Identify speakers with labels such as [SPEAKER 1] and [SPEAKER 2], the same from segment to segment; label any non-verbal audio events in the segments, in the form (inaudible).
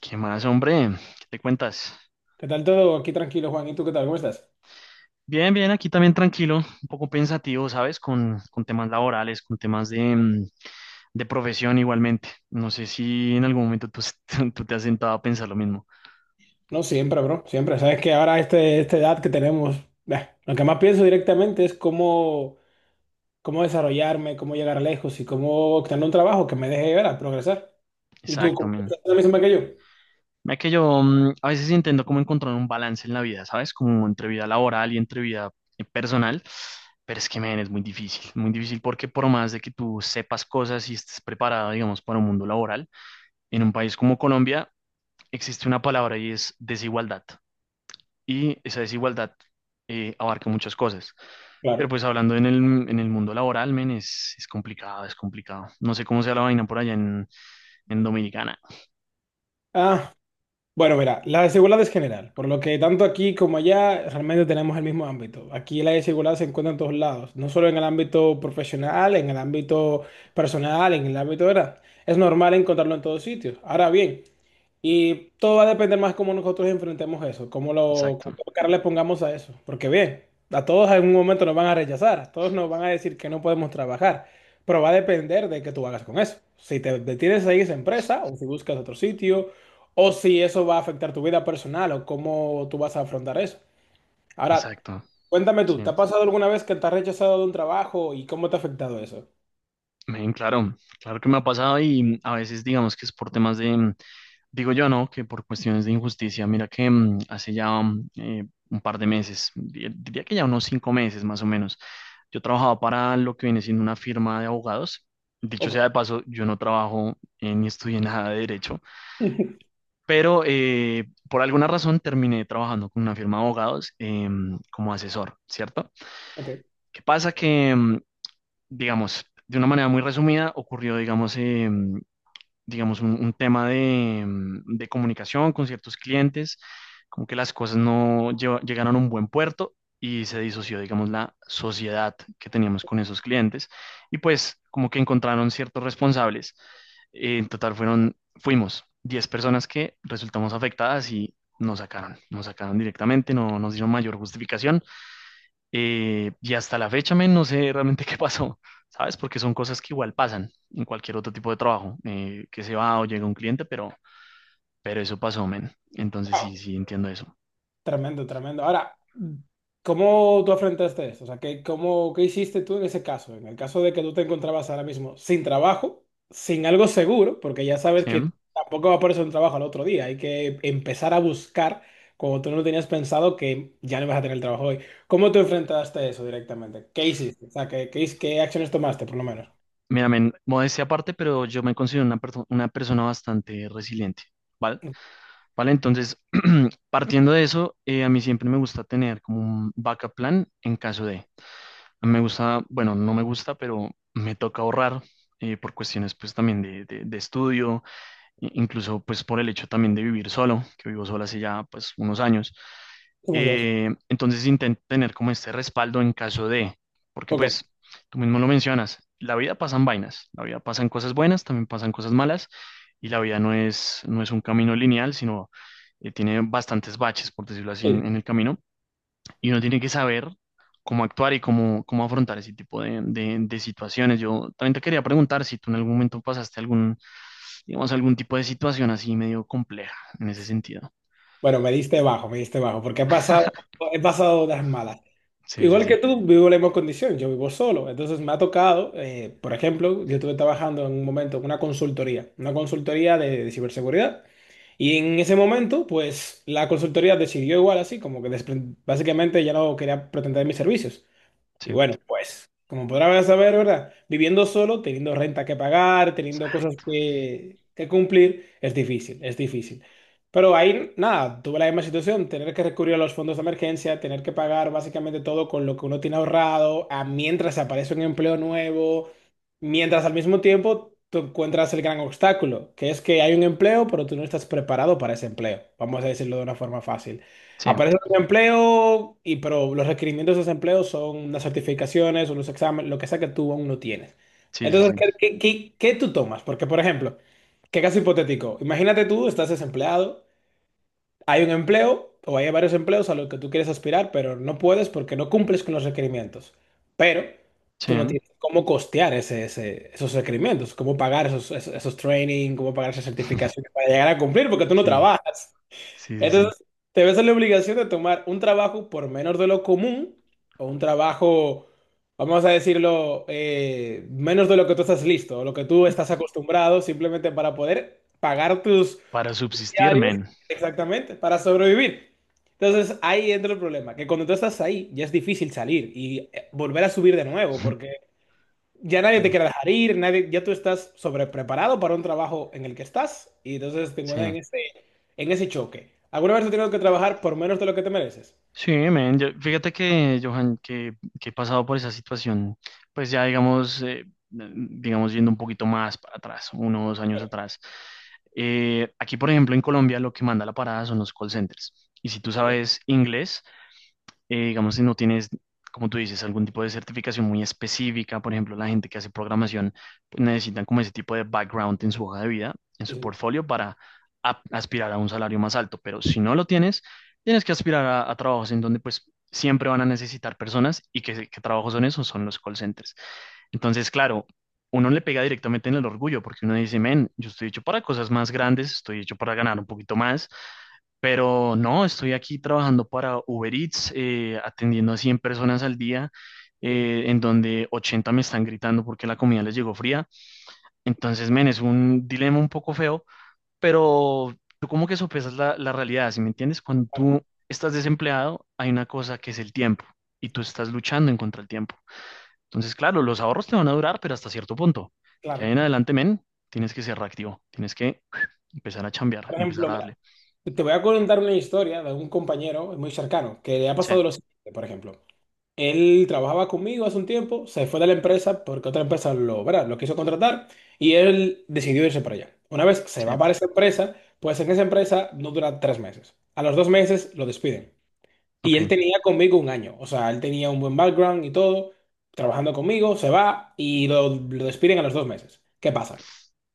[SPEAKER 1] ¿Qué más, hombre? ¿Qué te cuentas?
[SPEAKER 2] ¿Qué tal todo? Aquí tranquilo, Juan. ¿Y tú qué tal? ¿Cómo estás?
[SPEAKER 1] Bien, bien, aquí también tranquilo, un poco pensativo, ¿sabes? Con temas laborales, con temas de profesión igualmente. No sé si en algún momento tú, (laughs) tú te has sentado a pensar lo mismo.
[SPEAKER 2] No, siempre, bro. Siempre. Sabes que ahora esta edad que tenemos, bah, lo que más pienso directamente es cómo desarrollarme, cómo llegar lejos y cómo tener un trabajo que me deje ver a progresar. ¿Y tú,
[SPEAKER 1] Exacto,
[SPEAKER 2] cómo
[SPEAKER 1] men.
[SPEAKER 2] estás la misma que yo?
[SPEAKER 1] Mira que yo a veces intento como encontrar un balance en la vida, ¿sabes? Como entre vida laboral y entre vida personal. Pero es que, men, es muy difícil, muy difícil, porque por más de que tú sepas cosas y estés preparado, digamos, para un mundo laboral, en un país como Colombia, existe una palabra y es desigualdad. Y esa desigualdad abarca muchas cosas. Pero
[SPEAKER 2] Claro.
[SPEAKER 1] pues hablando en el mundo laboral, men, es complicado, es complicado. No sé cómo sea la vaina por allá en Dominicana.
[SPEAKER 2] Ah, bueno, mira, la desigualdad es general, por lo que tanto aquí como allá realmente tenemos el mismo ámbito. Aquí la desigualdad se encuentra en todos lados, no solo en el ámbito profesional, en el ámbito personal, en el ámbito, ¿verdad? Es normal encontrarlo en todos sitios. Ahora bien, y todo va a depender más cómo nosotros enfrentemos eso,
[SPEAKER 1] Exacto,
[SPEAKER 2] cómo cara le pongamos a eso. Porque bien, a todos en algún momento nos van a rechazar, a todos nos van a decir que no podemos trabajar, pero va a depender de qué tú hagas con eso. Si te detienes ahí esa empresa, o si buscas otro sitio, o si eso va a afectar tu vida personal, o cómo tú vas a afrontar eso. Ahora,
[SPEAKER 1] exacto.
[SPEAKER 2] cuéntame tú,
[SPEAKER 1] Sí.
[SPEAKER 2] ¿te ha pasado alguna vez que te has rechazado de un trabajo y cómo te ha afectado eso?
[SPEAKER 1] Men, claro, claro que me ha pasado, y a veces digamos que es por temas de, digo yo, ¿no? Que por cuestiones de injusticia. Mira que hace ya un par de meses, diría que ya unos 5 meses más o menos. Yo trabajaba para lo que viene siendo una firma de abogados. Dicho
[SPEAKER 2] Ok.
[SPEAKER 1] sea de paso, yo no trabajo ni estudié nada de derecho,
[SPEAKER 2] (laughs)
[SPEAKER 1] pero por alguna razón terminé trabajando con una firma de abogados como asesor, ¿cierto?
[SPEAKER 2] Ok.
[SPEAKER 1] ¿Qué pasa? Que, digamos, de una manera muy resumida, ocurrió, digamos, digamos, un tema de comunicación con ciertos clientes, como que las cosas no llegaron a un buen puerto y se disoció, digamos, la sociedad que teníamos con esos clientes, y pues como que encontraron ciertos responsables. En total fueron, fuimos 10 personas que resultamos afectadas y nos sacaron directamente, no nos dieron mayor justificación, y hasta la fecha, men, no sé realmente (laughs) qué pasó, ¿sabes? Porque son cosas que igual pasan en cualquier otro tipo de trabajo, que se va o llega un cliente, pero eso pasó, men. Entonces
[SPEAKER 2] Wow.
[SPEAKER 1] sí, sí, entiendo eso.
[SPEAKER 2] Tremendo, tremendo. Ahora, ¿cómo tú afrontaste esto? O sea, ¿qué hiciste tú en ese caso? En el caso de que tú te encontrabas ahora mismo sin trabajo, sin algo seguro, porque ya sabes
[SPEAKER 1] ¿Sí?
[SPEAKER 2] que tampoco va a aparecer un trabajo al otro día, hay que empezar a buscar cuando tú no tenías pensado que ya no vas a tener el trabajo hoy. ¿Cómo te enfrentaste a eso directamente? ¿Qué hiciste? O sea, ¿qué acciones tomaste, por lo menos?
[SPEAKER 1] Mira, men, modestia aparte, pero yo me considero una, una persona bastante resiliente, ¿vale? Vale, entonces, (clears throat) partiendo de eso, a mí siempre me gusta tener como un backup plan en caso de, me gusta, bueno, no me gusta, pero me toca ahorrar por cuestiones pues también de estudio, incluso pues por el hecho también de vivir solo, que vivo solo hace ya pues unos años.
[SPEAKER 2] Somos dos.
[SPEAKER 1] Entonces intento tener como este respaldo en caso de, porque
[SPEAKER 2] Ok.
[SPEAKER 1] pues tú mismo lo mencionas, la vida pasan vainas, la vida pasan cosas buenas, también pasan cosas malas, y la vida no es un camino lineal, sino tiene bastantes baches, por decirlo así,
[SPEAKER 2] Sí.
[SPEAKER 1] en el camino, y uno tiene que saber cómo actuar y cómo afrontar ese tipo de situaciones. Yo también te quería preguntar si tú en algún momento pasaste algún, digamos, algún tipo de situación así medio compleja en ese sentido.
[SPEAKER 2] Bueno, me diste bajo, porque
[SPEAKER 1] (laughs)
[SPEAKER 2] he pasado las malas.
[SPEAKER 1] Sí, sí,
[SPEAKER 2] Igual
[SPEAKER 1] sí,
[SPEAKER 2] que tú, vivo la misma condición, yo vivo solo. Entonces me ha tocado, por ejemplo, yo estuve trabajando en un momento en una consultoría de ciberseguridad. Y en ese momento, pues la consultoría decidió igual así, como que básicamente ya no quería pretender mis servicios. Y
[SPEAKER 1] sí,
[SPEAKER 2] bueno, pues, como podrás saber, ¿verdad? Viviendo solo, teniendo renta que pagar, teniendo cosas
[SPEAKER 1] exacto.
[SPEAKER 2] que cumplir, es difícil, es difícil. Pero ahí, nada, tuve la misma situación, tener que recurrir a los fondos de emergencia, tener que pagar básicamente todo con lo que uno tiene ahorrado, a mientras aparece un empleo nuevo, mientras al mismo tiempo tú encuentras el gran obstáculo, que es que hay un empleo, pero tú no estás preparado para ese empleo, vamos a decirlo de una forma fácil.
[SPEAKER 1] Sí,
[SPEAKER 2] Aparece el desempleo, y, pero los requerimientos de desempleo son las certificaciones o los exámenes, lo que sea que tú aún no tienes.
[SPEAKER 1] sí, sí,
[SPEAKER 2] Entonces,
[SPEAKER 1] sí,
[SPEAKER 2] ¿qué tú tomas? Porque, por ejemplo, qué caso hipotético. Imagínate tú, estás desempleado, hay un empleo o hay varios empleos a los que tú quieres aspirar, pero no puedes porque no cumples con los requerimientos. Pero
[SPEAKER 1] sí,
[SPEAKER 2] tú no
[SPEAKER 1] ¿no?
[SPEAKER 2] tienes cómo costear esos requerimientos, cómo pagar esos training, cómo pagar esas certificaciones para llegar a cumplir porque tú no
[SPEAKER 1] Sí,
[SPEAKER 2] trabajas.
[SPEAKER 1] sí, sí, sí.
[SPEAKER 2] Entonces, te ves en la obligación de tomar un trabajo por menos de lo común o un trabajo, vamos a decirlo, menos de lo que tú estás listo, o lo que tú estás acostumbrado simplemente para poder pagar tus...
[SPEAKER 1] Para subsistir, men.
[SPEAKER 2] Exactamente, para sobrevivir. Entonces ahí entra el problema, que cuando tú estás ahí ya es difícil salir y volver a subir de nuevo, porque ya nadie te
[SPEAKER 1] Claro.
[SPEAKER 2] quiere dejar ir, nadie, ya tú estás sobrepreparado para un trabajo en el que estás y entonces te encuentras
[SPEAKER 1] Sí.
[SPEAKER 2] en ese choque. ¿Alguna vez has tenido que trabajar por menos de lo que te mereces?
[SPEAKER 1] Sí, men, yo, fíjate que, Johan, que he pasado por esa situación, pues ya digamos, digamos, yendo un poquito más para atrás, unos años
[SPEAKER 2] Pero,
[SPEAKER 1] atrás. Aquí, por ejemplo, en Colombia, lo que manda la parada son los call centers. Y si tú
[SPEAKER 2] ok,
[SPEAKER 1] sabes inglés, digamos, si no tienes, como tú dices, algún tipo de certificación muy específica, por ejemplo, la gente que hace programación, pues, necesitan como ese tipo de background en su hoja de vida, en
[SPEAKER 2] sí,
[SPEAKER 1] su
[SPEAKER 2] sí,
[SPEAKER 1] portfolio, para aspirar a un salario más alto. Pero si no lo tienes, tienes que aspirar a trabajos en donde pues siempre van a necesitar personas, y que trabajos son esos, son los call centers. Entonces, claro, uno le pega directamente en el orgullo porque uno dice, men, yo estoy hecho para cosas más grandes, estoy hecho para ganar un poquito más. Pero no, estoy aquí trabajando para Uber Eats, atendiendo a 100 personas al día,
[SPEAKER 2] sí,
[SPEAKER 1] en donde 80 me están gritando porque la comida les llegó fría. Entonces, men, es un dilema un poco feo, pero tú como que sopesas la realidad, ¿sí me entiendes? Cuando
[SPEAKER 2] claro,
[SPEAKER 1] tú estás desempleado, hay una cosa que es el tiempo, y tú estás luchando en contra del tiempo. Entonces, claro, los ahorros te van a durar, pero hasta cierto punto. Ya
[SPEAKER 2] claro.
[SPEAKER 1] en adelante, men, tienes que ser reactivo, tienes que (clears throat) empezar a chambear,
[SPEAKER 2] Por
[SPEAKER 1] empezar
[SPEAKER 2] ejemplo,
[SPEAKER 1] a darle.
[SPEAKER 2] mira, te voy a contar una historia de un compañero muy cercano que le ha
[SPEAKER 1] Sí,
[SPEAKER 2] pasado lo siguiente, por ejemplo. Él trabajaba conmigo hace un tiempo, se fue de la empresa porque otra empresa lo, ¿verdad? Lo quiso contratar y él decidió irse para allá. Una vez se
[SPEAKER 1] sí,
[SPEAKER 2] va para esa empresa, pues en esa empresa no dura tres meses. A los dos meses lo despiden. Y él
[SPEAKER 1] ok.
[SPEAKER 2] tenía conmigo un año, o sea, él tenía un buen background y todo, trabajando conmigo, se va y lo despiden a los dos meses. ¿Qué pasa?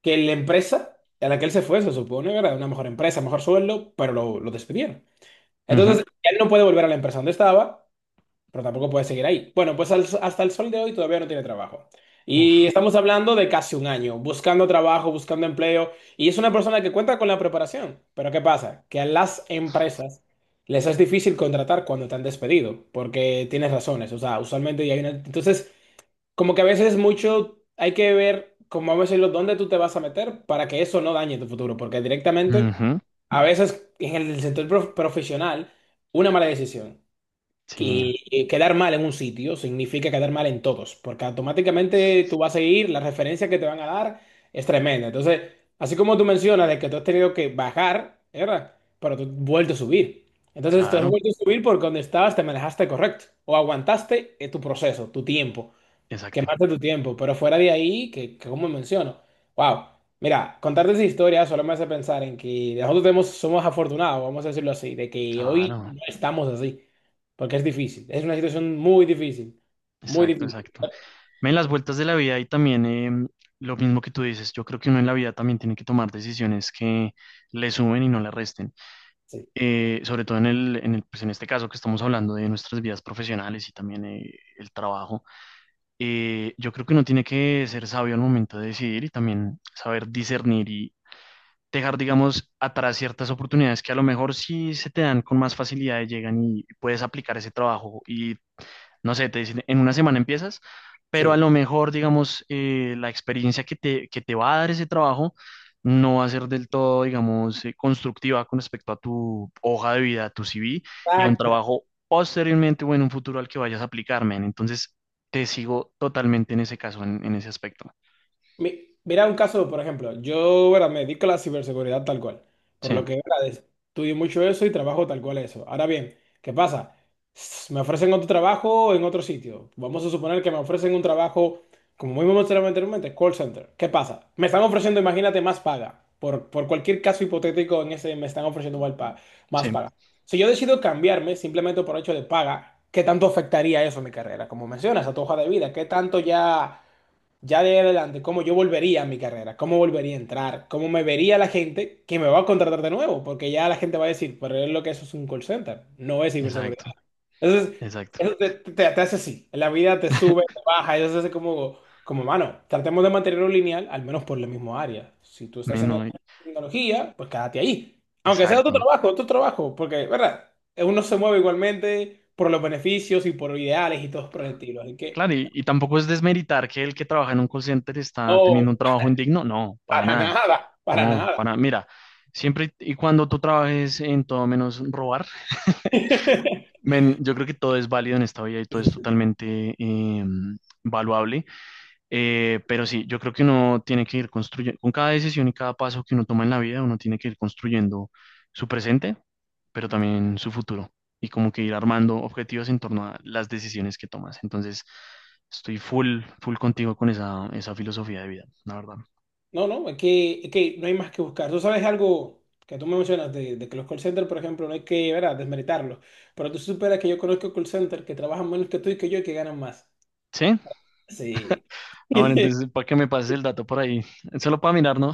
[SPEAKER 2] Que la empresa a la que él se fue, se supone, era una mejor empresa, mejor sueldo, pero lo despidieron.
[SPEAKER 1] Ujú.
[SPEAKER 2] Entonces, él no puede volver a la empresa donde estaba pero tampoco puede seguir ahí. Bueno, pues hasta el sol de hoy todavía no tiene trabajo.
[SPEAKER 1] Uf.
[SPEAKER 2] Y estamos hablando de casi un año, buscando trabajo, buscando empleo, y es una persona que cuenta con la preparación. Pero ¿qué pasa? Que a las empresas les es difícil contratar cuando te han despedido, porque tienes razones, o sea, usualmente ya hay una... Entonces, como que a veces mucho hay que ver, como vamos a decirlo, dónde tú te vas a meter para que eso no dañe tu futuro, porque directamente...
[SPEAKER 1] Ujú.
[SPEAKER 2] A veces en el sector profesional, una mala decisión.
[SPEAKER 1] Sí,
[SPEAKER 2] Y quedar mal en un sitio significa quedar mal en todos, porque automáticamente tú vas a ir, la referencia que te van a dar es tremenda. Entonces, así como tú mencionas de que tú has tenido que bajar, ¿verdad? Pero tú has vuelto a subir. Entonces, tú has
[SPEAKER 1] claro,
[SPEAKER 2] vuelto a subir porque donde estabas te manejaste correcto o aguantaste tu proceso, tu tiempo.
[SPEAKER 1] exacto,
[SPEAKER 2] Quemaste tu tiempo, pero fuera de ahí, que como menciono, wow, mira, contarte esa historia solo me hace pensar en que nosotros tenemos, somos afortunados, vamos a decirlo así, de que hoy
[SPEAKER 1] claro,
[SPEAKER 2] no estamos así, porque es difícil, es una situación muy
[SPEAKER 1] exacto,
[SPEAKER 2] difícil,
[SPEAKER 1] exacto. En las vueltas de la vida y también lo mismo que tú dices, yo creo que uno en la vida también tiene que tomar decisiones que le sumen y no le resten.
[SPEAKER 2] sí,
[SPEAKER 1] Sobre todo pues en este caso que estamos hablando de nuestras vidas profesionales y también el trabajo, yo creo que uno tiene que ser sabio al momento de decidir y también saber discernir, dejar, digamos, atrás ciertas oportunidades que a lo mejor sí se te dan con más facilidad, llegan y puedes aplicar ese trabajo y, no sé, te dicen, en una semana empiezas, pero a
[SPEAKER 2] sí.
[SPEAKER 1] lo mejor, digamos, la experiencia que te va a dar ese trabajo no va a ser del todo, digamos, constructiva con respecto a tu hoja de vida, a tu CV y a un
[SPEAKER 2] Exacto.
[SPEAKER 1] trabajo posteriormente o en un futuro al que vayas a aplicar, men. Entonces, te sigo totalmente en ese caso, en ese aspecto.
[SPEAKER 2] Mira un caso, por ejemplo, yo ahora me dedico a la ciberseguridad tal cual,
[SPEAKER 1] Sí,
[SPEAKER 2] por lo que ahora estudio mucho eso y trabajo tal cual eso. Ahora bien, ¿qué pasa? Me ofrecen otro trabajo en otro sitio. Vamos a suponer que me ofrecen un trabajo, como muy mencionaba anteriormente, call center. ¿Qué pasa? Me están ofreciendo, imagínate, más paga. Por cualquier caso hipotético en ese, me están ofreciendo más
[SPEAKER 1] sí,
[SPEAKER 2] paga. Si yo decido cambiarme simplemente por hecho de paga, ¿qué tanto afectaría eso a mi carrera? Como mencionas, a tu hoja de vida, ¿qué tanto ya ya de ahí adelante, cómo yo volvería a mi carrera, cómo volvería a entrar, cómo me vería la gente que me va a contratar de nuevo, porque ya la gente va a decir, pero es lo que eso es un call center, no es ciberseguridad.
[SPEAKER 1] exacto,
[SPEAKER 2] Entonces,
[SPEAKER 1] exacto.
[SPEAKER 2] eso te hace así, en la vida te sube,
[SPEAKER 1] (laughs)
[SPEAKER 2] te baja, eso hace como, mano, tratemos de mantenerlo lineal, al menos por la misma área. Si tú estás en el
[SPEAKER 1] Menos.
[SPEAKER 2] área de tecnología, pues quédate ahí. Aunque sea
[SPEAKER 1] Exacto.
[SPEAKER 2] otro trabajo, porque, ¿verdad? Uno se mueve igualmente por los beneficios y por ideales y todo por el estilo. Así que...
[SPEAKER 1] Claro, y tampoco es desmeritar que el que trabaja en un call center está
[SPEAKER 2] No,
[SPEAKER 1] teniendo un trabajo indigno. No, para
[SPEAKER 2] para
[SPEAKER 1] nada.
[SPEAKER 2] nada, para
[SPEAKER 1] No,
[SPEAKER 2] nada.
[SPEAKER 1] para, mira, siempre y cuando tú trabajes en todo menos robar,
[SPEAKER 2] (laughs)
[SPEAKER 1] men, yo creo que todo es válido en esta vida y todo
[SPEAKER 2] Sí,
[SPEAKER 1] es
[SPEAKER 2] sí.
[SPEAKER 1] totalmente valuable. Pero sí, yo creo que uno tiene que ir construyendo, con cada decisión y cada paso que uno toma en la vida, uno tiene que ir construyendo su presente, pero también su futuro, y como que ir armando objetivos en torno a las decisiones que tomas. Entonces, estoy full, full contigo con esa filosofía de vida, la verdad.
[SPEAKER 2] No, no, es que no hay más que buscar. Tú sabes algo que tú me mencionas de que los call centers, por ejemplo, no hay que, ¿verdad?, desmeritarlos. Pero tú superas que yo conozco call centers que trabajan menos que tú y que yo y que ganan más.
[SPEAKER 1] ¿Sí?
[SPEAKER 2] Sí.
[SPEAKER 1] (laughs)
[SPEAKER 2] (laughs)
[SPEAKER 1] Ah, bueno,
[SPEAKER 2] Pero
[SPEAKER 1] entonces, para que me pases el dato por ahí, solo para mirar, ¿no?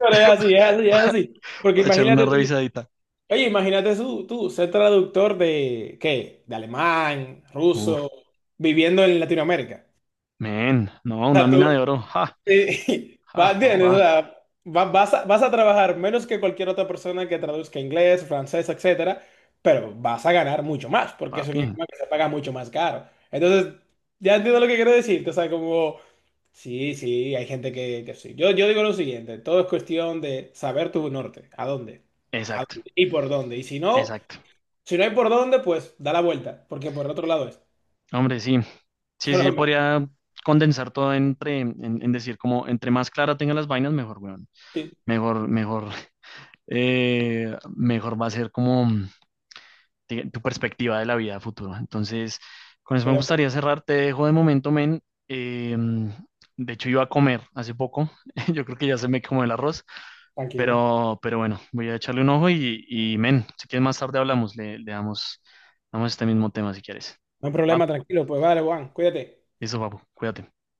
[SPEAKER 2] es así, es así, es así. Porque
[SPEAKER 1] Para echarle una
[SPEAKER 2] imagínate tú,
[SPEAKER 1] revisadita.
[SPEAKER 2] oye, imagínate tú, tú ser traductor de, ¿qué? De alemán,
[SPEAKER 1] Uf,
[SPEAKER 2] ruso, viviendo en Latinoamérica.
[SPEAKER 1] men, no, una mina de oro. Ja,
[SPEAKER 2] (laughs) Va-
[SPEAKER 1] ja,
[SPEAKER 2] ¿Entiendes? O
[SPEAKER 1] papá.
[SPEAKER 2] sea, vas a trabajar menos que cualquier otra persona que traduzca inglés, francés, etcétera, pero vas a ganar mucho más, porque es un
[SPEAKER 1] Papi,
[SPEAKER 2] idioma que se paga mucho más caro. Entonces, ya entiendo lo que quiero decirte, o sea, como, sí, sí, hay gente que sí. Yo digo lo siguiente, todo es cuestión de saber tu norte, a
[SPEAKER 1] exacto,
[SPEAKER 2] dónde y por dónde. Y si no,
[SPEAKER 1] exacto.
[SPEAKER 2] si no hay por dónde, pues da la vuelta, porque por el otro lado es.
[SPEAKER 1] Hombre, sí, sí, sí,
[SPEAKER 2] Solo
[SPEAKER 1] yo
[SPEAKER 2] me...
[SPEAKER 1] podría condensar todo entre, en decir como entre más clara tenga las vainas, mejor, weón.
[SPEAKER 2] Sí,
[SPEAKER 1] Mejor, mejor, mejor va a ser como tu perspectiva de la vida a futuro. Entonces, con eso
[SPEAKER 2] estoy
[SPEAKER 1] me
[SPEAKER 2] de acuerdo,
[SPEAKER 1] gustaría cerrar, te dejo de momento, men. Eh, de hecho, iba a comer hace poco, (laughs) yo creo que ya se me quemó el arroz,
[SPEAKER 2] tranquilo.
[SPEAKER 1] pero bueno, voy a echarle un ojo y men, si quieres más tarde hablamos, le damos este mismo tema si quieres.
[SPEAKER 2] No hay problema,
[SPEAKER 1] ¿Va?
[SPEAKER 2] tranquilo, pues vale, Juan, cuídate.
[SPEAKER 1] Eso, papu, cuídate.